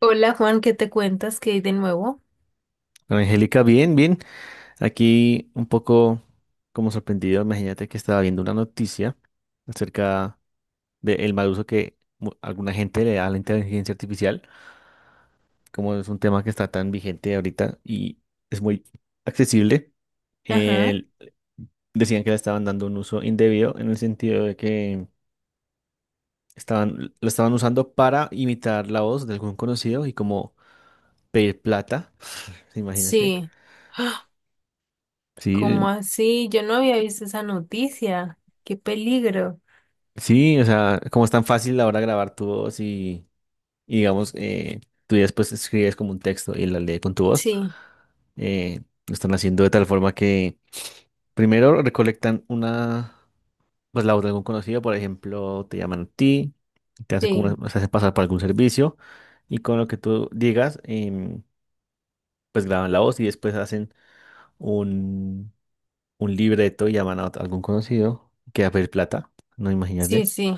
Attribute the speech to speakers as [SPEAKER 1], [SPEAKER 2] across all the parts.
[SPEAKER 1] Hola Juan, ¿qué te cuentas? ¿Qué hay de nuevo?
[SPEAKER 2] Angélica, bien, bien. Aquí un poco como sorprendido, imagínate que estaba viendo una noticia acerca del mal uso que alguna gente le da a la inteligencia artificial, como es un tema que está tan vigente ahorita y es muy accesible.
[SPEAKER 1] Ajá,
[SPEAKER 2] el- Decían que le estaban dando un uso indebido en el sentido de que estaban, lo estaban usando para imitar la voz de algún conocido y como pedir plata, imagínate.
[SPEAKER 1] sí. ¡Ah!
[SPEAKER 2] Sí,
[SPEAKER 1] ¿Cómo así? Yo no había visto esa noticia. ¡Qué peligro!
[SPEAKER 2] sí, o sea, como es tan fácil ahora grabar tu voz y digamos, tú ya después escribes como un texto y la lees con tu voz,
[SPEAKER 1] Sí,
[SPEAKER 2] eh, lo están haciendo de tal forma que primero recolectan una, pues la voz de algún conocido, por ejemplo, te llaman a ti, te hacen como,
[SPEAKER 1] sí,
[SPEAKER 2] se hacen pasar por algún servicio y con lo que tú digas, pues graban la voz y después hacen un, un libreto y llaman a algún conocido que va a pedir plata, no
[SPEAKER 1] sí,
[SPEAKER 2] imagínate.
[SPEAKER 1] sí.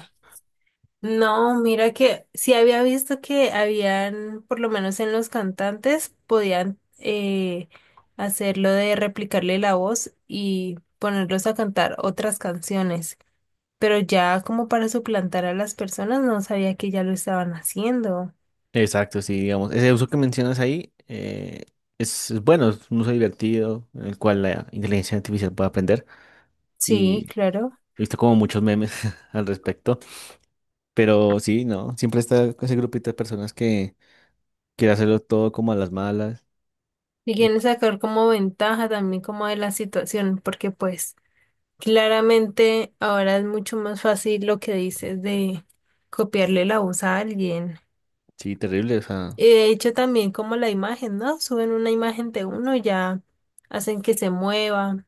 [SPEAKER 1] No, mira que sí había visto que habían, por lo menos en los cantantes, podían hacer de replicarle la voz y ponerlos a cantar otras canciones. Pero ya como para suplantar a las personas, no sabía que ya lo estaban haciendo.
[SPEAKER 2] Exacto, sí, digamos. Ese uso que mencionas ahí es bueno, es un uso divertido en el cual la inteligencia artificial puede aprender
[SPEAKER 1] Sí,
[SPEAKER 2] y he
[SPEAKER 1] claro.
[SPEAKER 2] visto como muchos memes al respecto, pero sí, no, siempre está ese grupito de personas que quiere hacerlo todo como a las malas.
[SPEAKER 1] Y
[SPEAKER 2] Uf,
[SPEAKER 1] quieren sacar como ventaja también como de la situación, porque pues claramente ahora es mucho más fácil lo que dices de copiarle la voz a alguien.
[SPEAKER 2] sí, terrible, o sea.
[SPEAKER 1] Y de hecho también como la imagen, ¿no? Suben una imagen de uno, y ya hacen que se mueva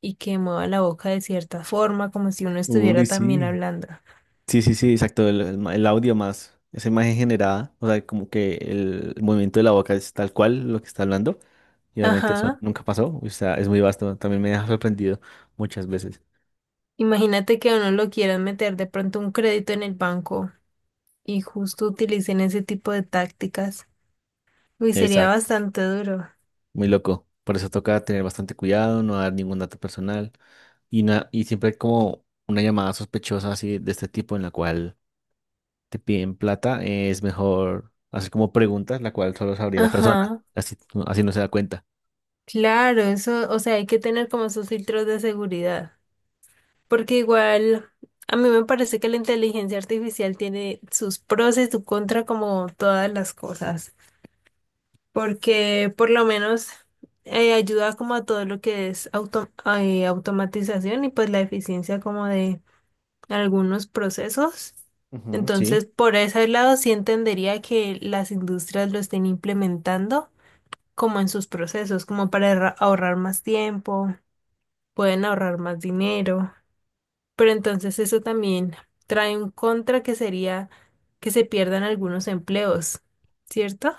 [SPEAKER 1] y que mueva la boca de cierta forma, como si uno
[SPEAKER 2] Uy,
[SPEAKER 1] estuviera también
[SPEAKER 2] sí.
[SPEAKER 1] hablando.
[SPEAKER 2] Sí, sí, sí, exacto, el, el el audio más, esa imagen generada, o sea, como que el movimiento de la boca es tal cual lo que está hablando, y obviamente eso
[SPEAKER 1] Ajá.
[SPEAKER 2] nunca pasó, o sea, es muy vasto, también me ha sorprendido muchas veces.
[SPEAKER 1] Imagínate que a uno lo quieran meter de pronto un crédito en el banco y justo utilicen ese tipo de tácticas. Uy, sería
[SPEAKER 2] Exacto,
[SPEAKER 1] bastante duro.
[SPEAKER 2] muy loco, por eso toca tener bastante cuidado, no dar ningún dato personal, y, y siempre hay como una llamada sospechosa así de este tipo en la cual te piden plata, es mejor hacer como preguntas, la cual solo sabría la persona,
[SPEAKER 1] Ajá,
[SPEAKER 2] así, así no se da cuenta.
[SPEAKER 1] claro, eso, o sea, hay que tener como esos filtros de seguridad, porque igual a mí me parece que la inteligencia artificial tiene sus pros y sus contras como todas las cosas, porque por lo menos ayuda como a todo lo que es automatización y pues la eficiencia como de algunos procesos.
[SPEAKER 2] Ujú, sí,
[SPEAKER 1] Entonces, por ese lado sí entendería que las industrias lo estén implementando, como en sus procesos, como para ahorrar más tiempo, pueden ahorrar más dinero, pero entonces eso también trae un contra que sería que se pierdan algunos empleos, ¿cierto?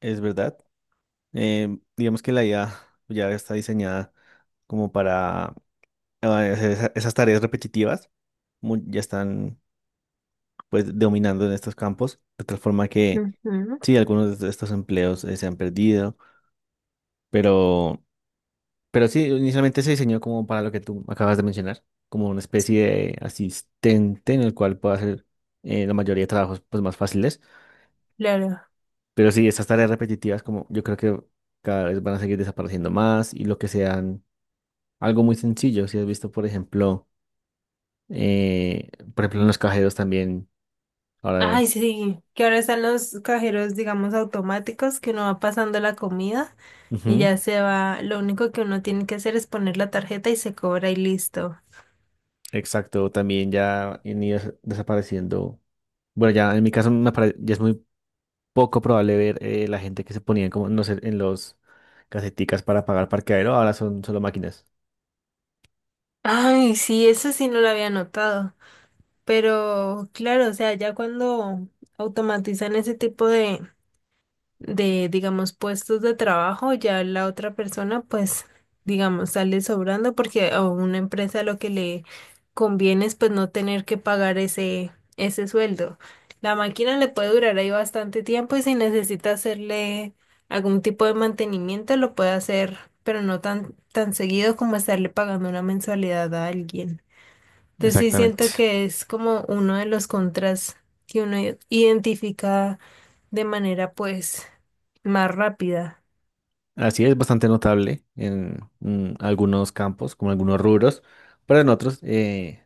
[SPEAKER 2] es verdad. Digamos que la IA ya está diseñada como para eh, hacer esas tareas repetitivas, ya están pues dominando en estos campos, de tal forma que
[SPEAKER 1] Ujú.
[SPEAKER 2] sí, algunos de estos empleos se han perdido, pero, pero sí, inicialmente se diseñó como para lo que tú acabas de mencionar, como una especie de asistente en el cual pueda hacer la mayoría de trabajos pues más fáciles,
[SPEAKER 1] Claro.
[SPEAKER 2] pero sí, estas tareas repetitivas como yo creo que cada vez van a seguir desapareciendo más y lo que sean. Algo muy sencillo, si has visto, por ejemplo, en los cajeros también, ahora,
[SPEAKER 1] Ay, sí, que ahora están los cajeros, digamos, automáticos, que uno va pasando la comida y
[SPEAKER 2] ujú,
[SPEAKER 1] ya se va, lo único que uno tiene que hacer es poner la tarjeta y se cobra y listo.
[SPEAKER 2] exacto, también ya han ido desapareciendo. Bueno, ya en mi caso ya es muy poco probable ver la gente que se ponía como, no sé, en los caseticas para pagar parqueadero, ahora son solo máquinas.
[SPEAKER 1] Ay, sí, eso sí no lo había notado. Pero claro, o sea, ya cuando automatizan ese tipo de digamos, puestos de trabajo, ya la otra persona, pues, digamos, sale sobrando porque a una empresa lo que le conviene es pues no tener que pagar ese sueldo. La máquina le puede durar ahí bastante tiempo y si necesita hacerle algún tipo de mantenimiento, lo puede hacer, pero no tan seguido como estarle pagando una mensualidad a alguien. Entonces sí siento
[SPEAKER 2] Exactamente.
[SPEAKER 1] que es como uno de los contras que uno identifica de manera pues más rápida.
[SPEAKER 2] Así es bastante notable en algunos campos, como algunos rubros, pero en otros,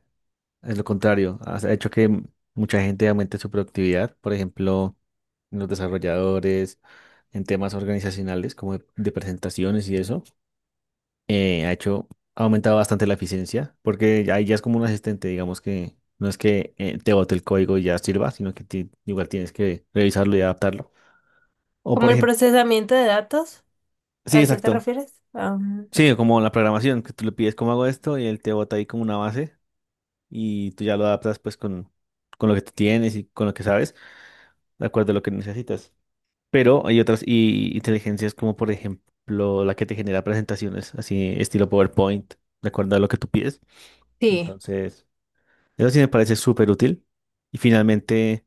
[SPEAKER 2] es lo contrario, ha hecho que mucha gente aumente su productividad, por ejemplo, en los desarrolladores, en temas organizacionales como de presentaciones y eso, ha hecho, ha aumentado bastante la eficiencia, porque ahí ya es como un asistente, digamos que no es que te bote el código y ya sirva, sino que igual tienes que revisarlo y adaptarlo. O por
[SPEAKER 1] Como el
[SPEAKER 2] ejemplo,
[SPEAKER 1] procesamiento de datos,
[SPEAKER 2] sí,
[SPEAKER 1] ¿a eso te
[SPEAKER 2] exacto,
[SPEAKER 1] refieres? Ah,
[SPEAKER 2] sí, como la programación, que tú le pides cómo hago esto y él te bota ahí como una base y tú ya lo adaptas pues con lo que tú tienes y con lo que sabes, de acuerdo a lo que necesitas. Pero hay otras y, inteligencias como por ejemplo la que te genera presentaciones, así estilo PowerPoint, de acuerdo a lo que tú pides.
[SPEAKER 1] sí.
[SPEAKER 2] Entonces, eso sí me parece súper útil. Y finalmente,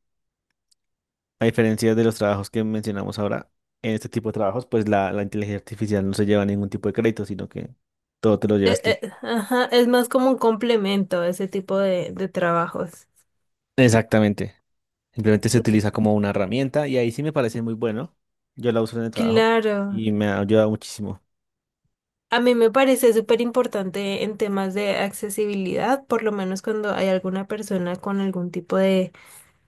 [SPEAKER 2] a diferencia de los trabajos que mencionamos ahora, en este tipo de trabajos, pues la inteligencia artificial no se lleva ningún tipo de crédito, sino que todo te lo llevas tú.
[SPEAKER 1] Ajá, es más como un complemento a ese tipo de trabajos.
[SPEAKER 2] Exactamente. Simplemente se
[SPEAKER 1] Mm.
[SPEAKER 2] utiliza como una herramienta y ahí sí me parece muy bueno. Yo la uso en el trabajo
[SPEAKER 1] Claro,
[SPEAKER 2] y me ha ayudado muchísimo.
[SPEAKER 1] a mí me parece súper importante en temas de accesibilidad, por lo menos cuando hay alguna persona con algún tipo de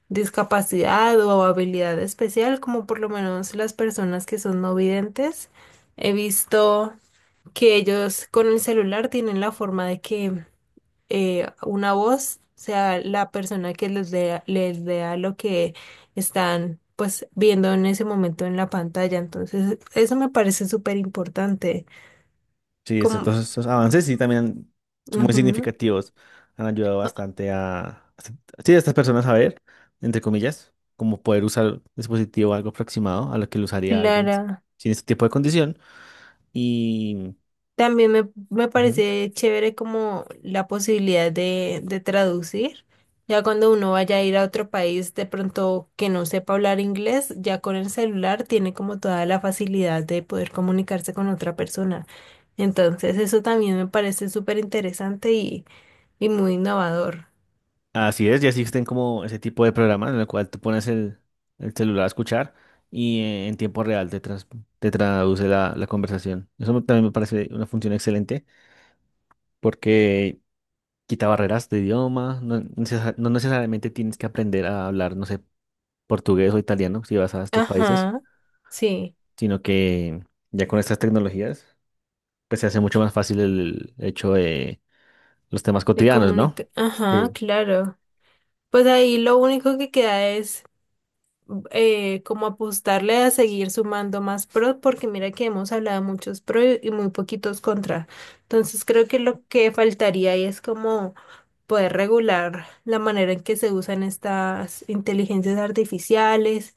[SPEAKER 1] discapacidad o habilidad especial, como por lo menos las personas que son no videntes. He visto que ellos con el celular tienen la forma de que una voz sea la persona que les dé, les lea lo que están pues viendo en ese momento en la pantalla. Entonces, eso me parece súper importante.
[SPEAKER 2] Sí,
[SPEAKER 1] Como,
[SPEAKER 2] todos estos avances sí también son muy
[SPEAKER 1] ujú,
[SPEAKER 2] significativos. Han ayudado bastante a, sí, a estas personas a ver, entre comillas, como poder usar el dispositivo algo aproximado a lo que lo usaría alguien
[SPEAKER 1] Clara.
[SPEAKER 2] sin este tipo de condición. Y
[SPEAKER 1] También me
[SPEAKER 2] ujú,
[SPEAKER 1] parece chévere como la posibilidad de traducir. Ya cuando uno vaya a ir a otro país, de pronto que no sepa hablar inglés, ya con el celular tiene como toda la facilidad de poder comunicarse con otra persona. Entonces, eso también me parece súper interesante y muy innovador.
[SPEAKER 2] así es, ya existen como ese tipo de programas en el cual tú pones el celular a escuchar y en tiempo real te, te traduce la, la conversación. Eso también me parece una función excelente porque quita barreras de idioma, no, no necesariamente tienes que aprender a hablar, no sé, portugués o italiano si vas a estos países,
[SPEAKER 1] Ajá, sí,
[SPEAKER 2] sino que ya con estas tecnologías, pues se hace mucho más fácil el hecho de los temas
[SPEAKER 1] de
[SPEAKER 2] cotidianos, ¿no?
[SPEAKER 1] comunicar. Ajá,
[SPEAKER 2] Sí.
[SPEAKER 1] claro. Pues ahí lo único que queda es como apostarle a seguir sumando más pro, porque mira que hemos hablado muchos pro y muy poquitos contra. Entonces creo que lo que faltaría ahí es como poder regular la manera en que se usan estas inteligencias artificiales,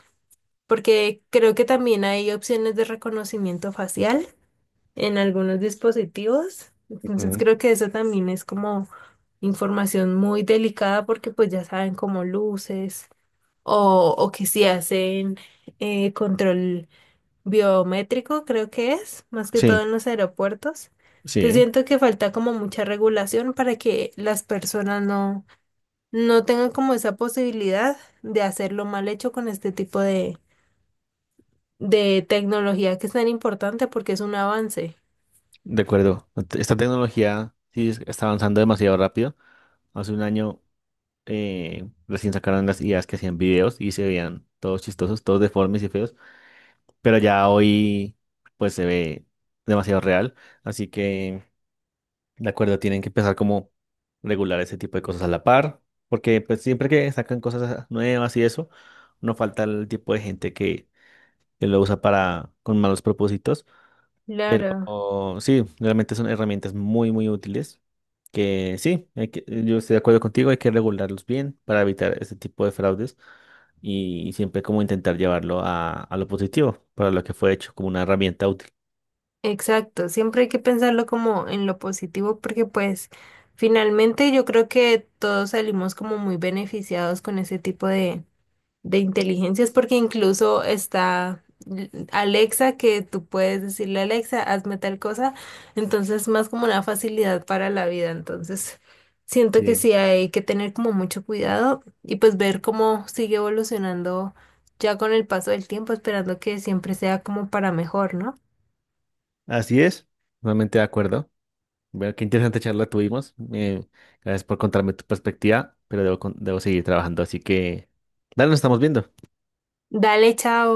[SPEAKER 1] porque creo que también hay opciones de reconocimiento facial en algunos dispositivos. Entonces
[SPEAKER 2] Ujú.
[SPEAKER 1] creo que eso también es como información muy delicada porque pues ya saben como luces o que si hacen control biométrico, creo que es, más que todo
[SPEAKER 2] Sí,
[SPEAKER 1] en los aeropuertos. Entonces
[SPEAKER 2] sí,
[SPEAKER 1] siento que falta como mucha regulación para que las personas no tengan como esa posibilidad de hacerlo mal hecho con este tipo de tecnología que es tan importante porque es un avance.
[SPEAKER 2] de acuerdo. Esta tecnología sí está avanzando demasiado rápido. Hace un año recién sacaron las ideas que hacían videos y se veían todos chistosos, todos deformes y feos. Pero ya hoy pues se ve demasiado real, así que de acuerdo, tienen que empezar como regular ese tipo de cosas a la par, porque pues siempre que sacan cosas nuevas y eso, no falta el tipo de gente que lo usa para con malos propósitos. Pero
[SPEAKER 1] Claro.
[SPEAKER 2] oh, sí, realmente son herramientas muy, muy útiles. Que sí, yo estoy de acuerdo contigo, hay que regularlos bien para evitar este tipo de fraudes y siempre como intentar llevarlo a lo positivo, para lo que fue hecho, como una herramienta útil.
[SPEAKER 1] Exacto, siempre hay que pensarlo como en lo positivo porque pues finalmente yo creo que todos salimos como muy beneficiados con ese tipo de inteligencias, porque incluso está Alexa, que tú puedes decirle Alexa, hazme tal cosa, entonces más como una facilidad para la vida, entonces siento que
[SPEAKER 2] Sí.
[SPEAKER 1] sí hay que tener como mucho cuidado y pues ver cómo sigue evolucionando ya con el paso del tiempo, esperando que siempre sea como para mejor, ¿no?
[SPEAKER 2] Así es, realmente de acuerdo. Bueno, qué interesante charla tuvimos. Gracias por contarme tu perspectiva, pero debo, debo seguir trabajando, así que dale, nos estamos viendo.
[SPEAKER 1] Dale, chao.